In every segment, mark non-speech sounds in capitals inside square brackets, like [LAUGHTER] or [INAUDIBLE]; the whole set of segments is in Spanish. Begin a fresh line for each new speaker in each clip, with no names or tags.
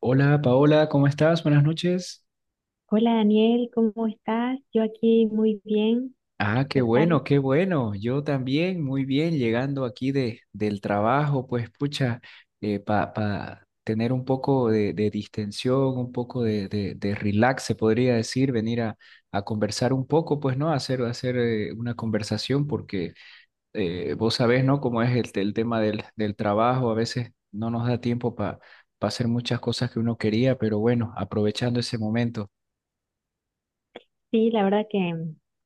Hola Paola, ¿cómo estás? Buenas noches.
Hola Daniel, ¿cómo estás? Yo aquí muy bien,
Ah, qué
¿qué tal?
bueno, qué bueno. Yo también, muy bien, llegando aquí del trabajo, pues pucha, para tener un poco de distensión, un poco de relax, se podría decir, venir a conversar un poco, pues, ¿no? Hacer una conversación, porque vos sabés, ¿no? Cómo es el tema del trabajo, a veces no nos da tiempo para hacer muchas cosas que uno quería, pero bueno, aprovechando ese momento.
Sí, la verdad que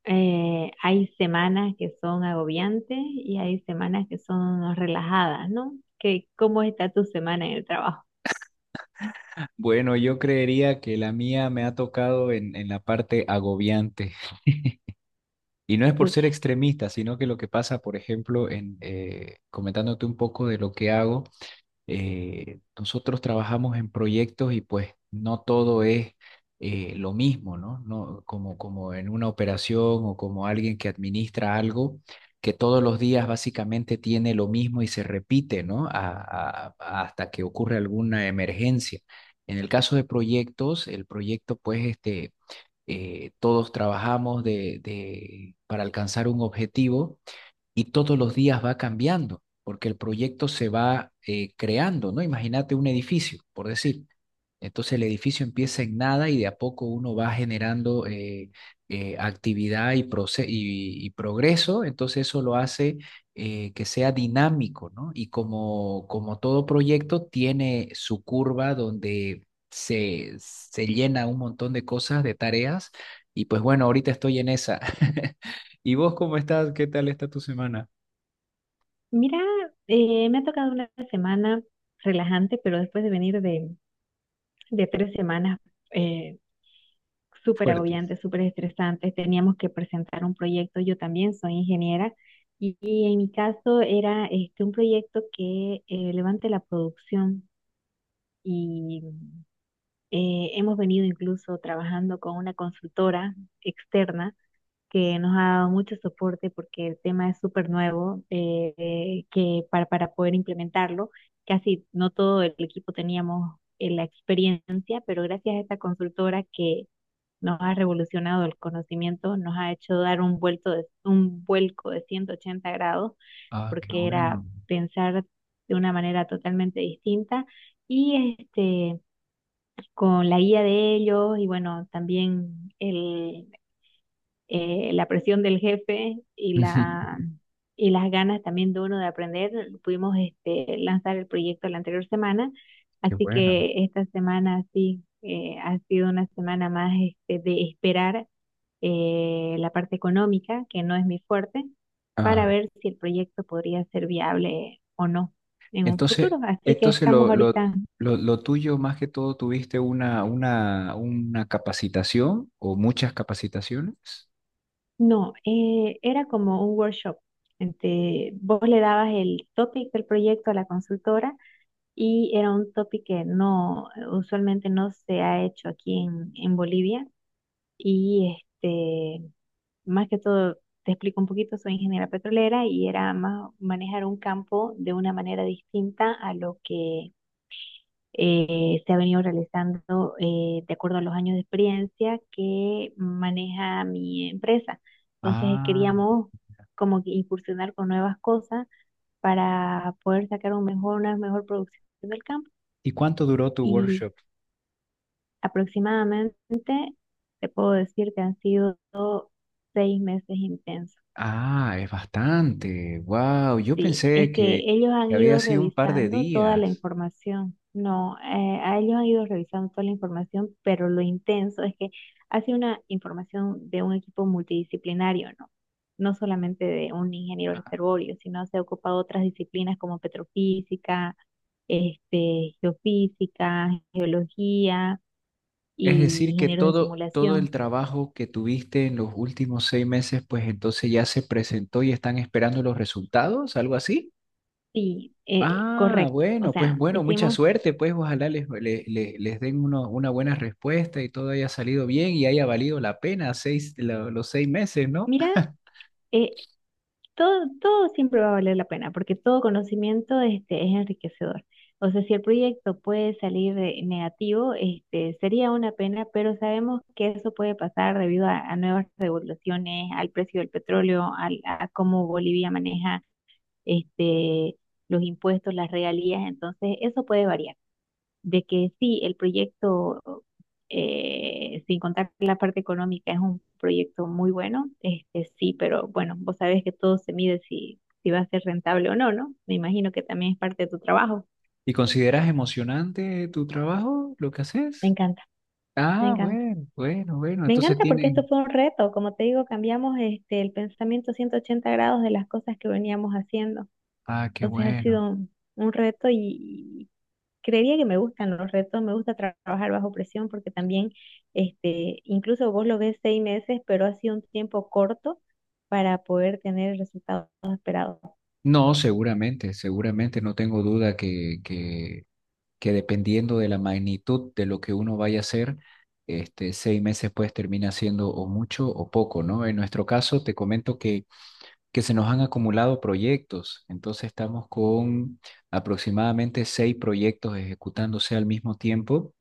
hay semanas que son agobiantes y hay semanas que son relajadas, ¿no? ¿Cómo está tu semana en el trabajo?
Bueno, yo creería que la mía me ha tocado en la parte agobiante. [LAUGHS] Y no es por
Pucha,
ser extremista, sino que lo que pasa, por ejemplo, comentándote un poco de lo que hago nosotros trabajamos en proyectos y pues no todo es lo mismo, ¿no? No, como, como en una operación o como alguien que administra algo que todos los días básicamente tiene lo mismo y se repite, ¿no? Hasta que ocurre alguna emergencia. En el caso de proyectos, el proyecto pues este, todos trabajamos para alcanzar un objetivo y todos los días va cambiando, porque el proyecto se va creando, ¿no? Imagínate un edificio, por decir. Entonces el edificio empieza en nada y de a poco uno va generando actividad y progreso, entonces eso lo hace que sea dinámico, ¿no? Y como, como todo proyecto tiene su curva donde se llena un montón de cosas, de tareas, y pues bueno, ahorita estoy en esa. [LAUGHS] ¿Y vos cómo estás? ¿Qué tal está tu semana?
mira, me ha tocado una semana relajante, pero después de venir de tres semanas eh, súper
Fuertes.
agobiantes, súper estresantes. Teníamos que presentar un proyecto. Yo también soy ingeniera y en mi caso era este, un proyecto que levante la producción y hemos venido incluso trabajando con una consultora externa que nos ha dado mucho soporte porque el tema es súper nuevo, que para poder implementarlo, casi no todo el equipo teníamos la experiencia, pero gracias a esta consultora que nos ha revolucionado el conocimiento, nos ha hecho dar un un vuelco de 180 grados,
Ah, qué
porque era
bueno.
pensar de una manera totalmente distinta. Y este, con la guía de ellos y bueno, también la presión del jefe
[LAUGHS]
y las ganas también de uno de aprender, pudimos este, lanzar el proyecto la anterior semana,
Qué
así
bueno.
que esta semana sí ha sido una semana más este, de esperar la parte económica, que no es mi fuerte, para
Ah,
ver si el proyecto podría ser viable o no en un
entonces,
futuro. Así que
entonces
estamos
lo, lo,
ahorita.
lo, lo tuyo más que todo tuviste una capacitación o muchas capacitaciones.
No, era como un workshop. Vos le dabas el topic del proyecto a la consultora y era un topic que no, usualmente no se ha hecho aquí en Bolivia. Y este, más que todo, te explico un poquito, soy ingeniera petrolera y era más manejar un campo de una manera distinta a lo que se ha venido realizando de acuerdo a los años de experiencia que maneja mi empresa. Entonces
Ah,
queríamos como que incursionar con nuevas cosas para poder sacar un una mejor producción del campo.
¿y cuánto duró tu
Y
workshop?
aproximadamente te puedo decir que han sido seis meses intensos.
Ah, es bastante. Wow, yo
Sí, es
pensé
que ellos han
que había
ido
sido un par de
revisando toda la
días.
información. No, a ellos han ido revisando toda la información, pero lo intenso es que hace una información de un equipo multidisciplinario, ¿no? No solamente de un ingeniero reservorio, sino se ha ocupado otras disciplinas como petrofísica, este, geofísica, geología
Es
y
decir, que
ingenieros de
todo, todo el
simulación.
trabajo que tuviste en los últimos 6 meses, pues entonces ya se presentó y están esperando los resultados, algo así.
Sí,
Ah,
correcto. O
bueno, pues
sea,
bueno, mucha
hicimos,
suerte, pues ojalá les, le- le- les den uno- una buena respuesta y todo haya salido bien y haya valido la pena los seis meses, ¿no?
mira, eh, todo, todo siempre va a valer la pena, porque todo conocimiento este, es enriquecedor. O sea, si el proyecto puede salir negativo, este, sería una pena, pero sabemos que eso puede pasar debido a nuevas regulaciones, al precio del petróleo, al- a cómo Bolivia maneja este, los impuestos, las regalías, entonces eso puede variar de que sí, el proyecto, sin contar la parte económica, es un proyecto muy bueno, este sí, pero bueno, vos sabés que todo se mide si, si va a ser rentable o no, ¿no? Me imagino que también es parte de tu trabajo.
¿Y consideras emocionante tu trabajo, lo que
Me
haces?
encanta, me
Ah,
encanta.
bueno, bueno, bueno,
Me
entonces
encanta porque esto
tienen...
fue un reto, como te digo, cambiamos este, el pensamiento 180 grados de las cosas que veníamos haciendo.
Ah, qué
Entonces ha
bueno.
sido un reto y creería que me gustan los retos, me gusta trabajar bajo presión porque también, este, incluso vos lo ves seis meses, pero ha sido un tiempo corto para poder tener el resultado esperado.
No, seguramente, seguramente, no tengo duda que, que dependiendo de la magnitud de lo que uno vaya a hacer, este, 6 meses pues termina siendo o mucho o poco, ¿no? En nuestro caso, te comento que se nos han acumulado proyectos, entonces estamos con aproximadamente seis proyectos ejecutándose al mismo tiempo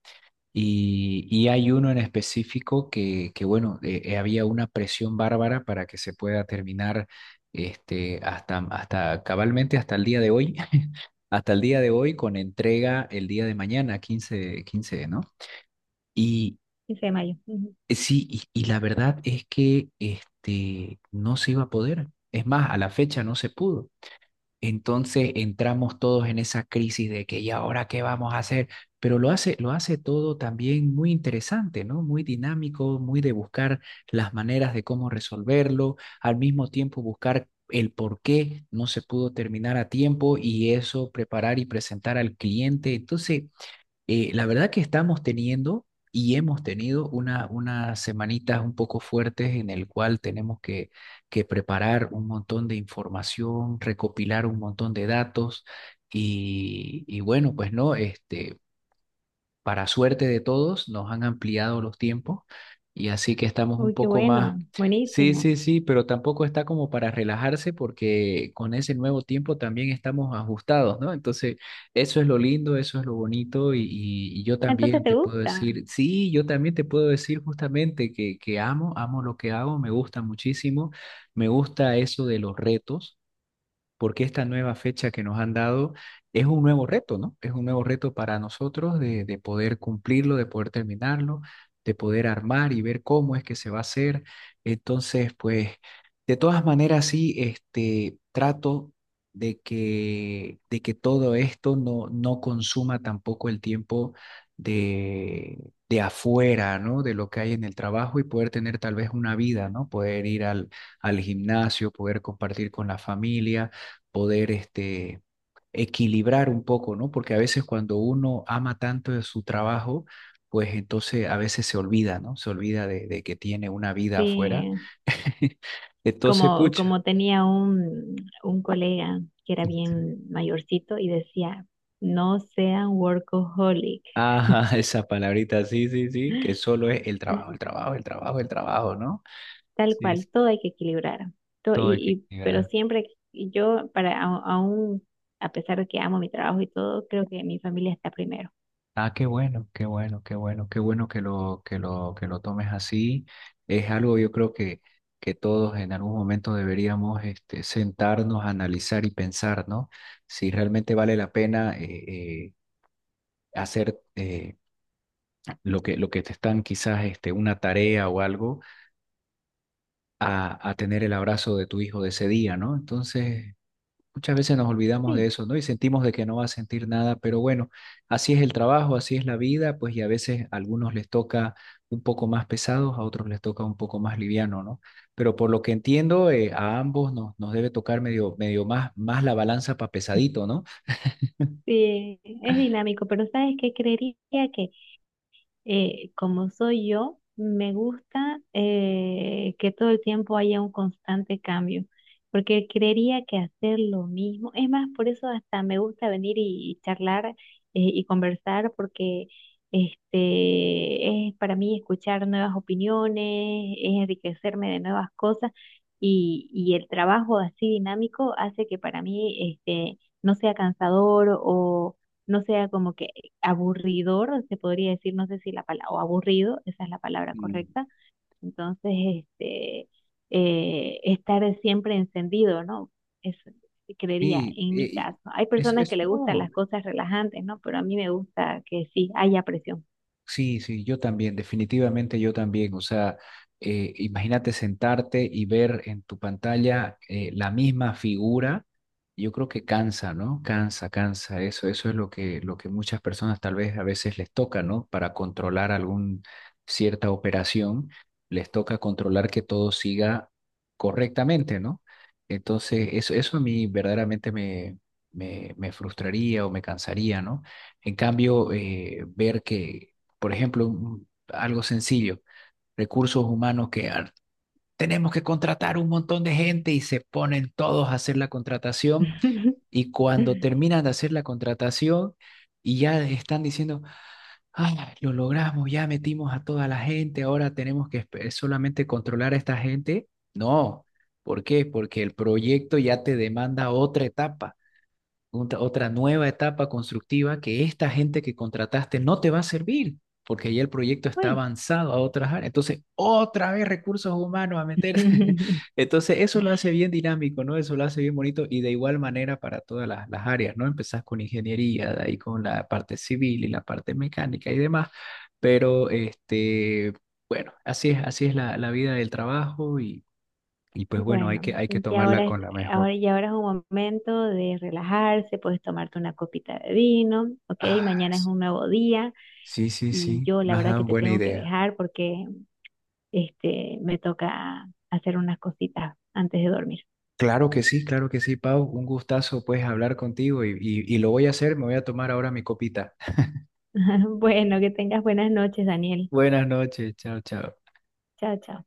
y, hay uno en específico que bueno, había una presión bárbara para que se pueda terminar este, hasta cabalmente hasta el día de hoy, [LAUGHS] hasta el día de hoy con entrega el día de mañana, 15 15, ¿no? Y
Quince de mayo. Ujú.
sí, y la verdad es que este, no se iba a poder. Es más, a la fecha no se pudo. Entonces entramos todos en esa crisis de que, ¿y ahora qué vamos a hacer? Pero lo hace todo también muy interesante, ¿no? Muy dinámico, muy de buscar las maneras de cómo resolverlo, al mismo tiempo buscar el por qué no se pudo terminar a tiempo y eso preparar y presentar al cliente. Entonces, la verdad que estamos teniendo y hemos tenido una, unas semanitas un poco fuertes en el cual tenemos que preparar un montón de información, recopilar un montón de datos y bueno, pues no, este, para suerte de todos, nos han ampliado los tiempos y así que estamos un
Uy, qué
poco más,
bueno,
sí,
buenísimo.
sí, sí, pero tampoco está como para relajarse porque con ese nuevo tiempo también estamos ajustados, ¿no? Entonces, eso es lo lindo, eso es lo bonito y yo
Entonces,
también
¿te
te puedo
gusta?
decir, sí, yo también te puedo decir justamente que amo lo que hago, me gusta muchísimo, me gusta eso de los retos porque esta nueva fecha que nos han dado es un nuevo reto, ¿no? Es un nuevo reto para nosotros de poder cumplirlo, de poder terminarlo, de poder armar y ver cómo es que se va a hacer. Entonces, pues, de todas maneras, sí, este, trato de que todo esto no consuma tampoco el tiempo de, de afuera, ¿no? De lo que hay en el trabajo y poder tener tal vez una vida, ¿no? Poder ir al gimnasio, poder compartir con la familia, poder este, equilibrar un poco, ¿no? Porque a veces cuando uno ama tanto de su trabajo, pues entonces a veces se olvida, ¿no? Se olvida de que tiene una vida afuera.
Sí,
[LAUGHS] Entonces,
como,
pucha.
como tenía un colega que era bien mayorcito y decía, no sean workaholic.
Ajá, [LAUGHS] esa palabrita, sí, sí, sí, que solo es el
[LAUGHS]
trabajo, el trabajo, el trabajo, el trabajo, ¿no?
Tal
Sí, sí,
cual, todo hay que equilibrar. To-
todo hay que
y, pero
equilibrar.
siempre y yo, aún, a pesar de que amo mi trabajo y todo, creo que mi familia está primero.
Ah, qué bueno, qué bueno, qué bueno, qué bueno que lo, que lo, que lo, tomes así. Es algo yo creo que todos en algún momento deberíamos este, sentarnos a analizar y pensar, ¿no? Si realmente vale la pena hacer lo que te están quizás este, una tarea o algo, a tener el abrazo de tu hijo de ese día, ¿no? Entonces, muchas veces nos olvidamos de
Sí,
eso, ¿no? Y sentimos de que no va a sentir nada, pero bueno, así es el trabajo, así es la vida, pues y a veces a algunos les toca un poco más pesados, a otros les toca un poco más liviano, ¿no? Pero por lo que entiendo, a ambos nos debe tocar medio, medio más la balanza para pesadito, ¿no?
sí, es dinámico, pero ¿sabes qué? Creería que como soy yo, me gusta que todo el tiempo haya un constante cambio, porque creería que hacer lo mismo, es más, por eso hasta me gusta venir y charlar y conversar, porque este, es para mí escuchar nuevas opiniones, es enriquecerme de nuevas cosas. Y el trabajo así dinámico hace que para mí este, no sea cansador o no sea como que aburridor, se podría decir, no sé si la palabra, o aburrido, esa es la palabra
Mm.
correcta. Entonces, este, estar siempre encendido, ¿no? Eso creería
Y,
en mi
y- y
caso. Hay personas que
es-
le gustan
no,
las cosas relajantes, ¿no? Pero a mí me gusta que sí haya presión.
Sí, sí, yo también, definitivamente yo también. O sea, imagínate sentarte y ver en tu pantalla la misma figura. Yo creo que cansa, ¿no? Cansa, cansa. Eso es lo que muchas personas tal vez a veces les toca, ¿no? Para controlar algún cierta operación, les toca controlar que todo siga correctamente, ¿no? Entonces, eso a mí verdaderamente me frustraría o me cansaría, ¿no? En cambio, ver que, por ejemplo, algo sencillo, recursos humanos que ah, tenemos que contratar un montón de gente y se ponen todos a hacer la contratación
[LAUGHS]
y cuando terminan de hacer la contratación y ya están diciendo, ah, lo logramos, ya metimos a toda la gente, ahora tenemos que espe- solamente controlar a esta gente. No, ¿por qué? Porque el proyecto ya te demanda otra etapa, otra nueva etapa constructiva que esta gente que contrataste no te va a servir, porque ya el proyecto está
Bueno,
avanzado a otras áreas. Entonces, otra vez recursos humanos a meterse. [LAUGHS]
[LAUGHS]
Entonces, eso lo hace bien dinámico, ¿no? Eso lo hace bien bonito y de igual manera para todas las áreas, ¿no? Empezás con ingeniería, de ahí con la parte civil y la parte mecánica y demás, pero este, bueno, así es la, la vida del trabajo y pues bueno,
bueno,
hay que
y
tomarla
ahora es,
con la mejor.
y ahora es un momento de relajarse, puedes tomarte una copita de vino, ¿ok?
Ay,
Mañana es un nuevo día.
sí, sí,
Y
sí,
yo la
me has
verdad
dado
que te
buena
tengo que
idea.
dejar porque este me toca hacer unas cositas antes de dormir.
Claro que sí, Pau. Un gustazo, pues, hablar contigo y lo voy a hacer. Me voy a tomar ahora mi copita. [LAUGHS]
[LAUGHS] Bueno, que tengas buenas noches, Daniel.
Buenas noches, chao, chao.
Chao, chao.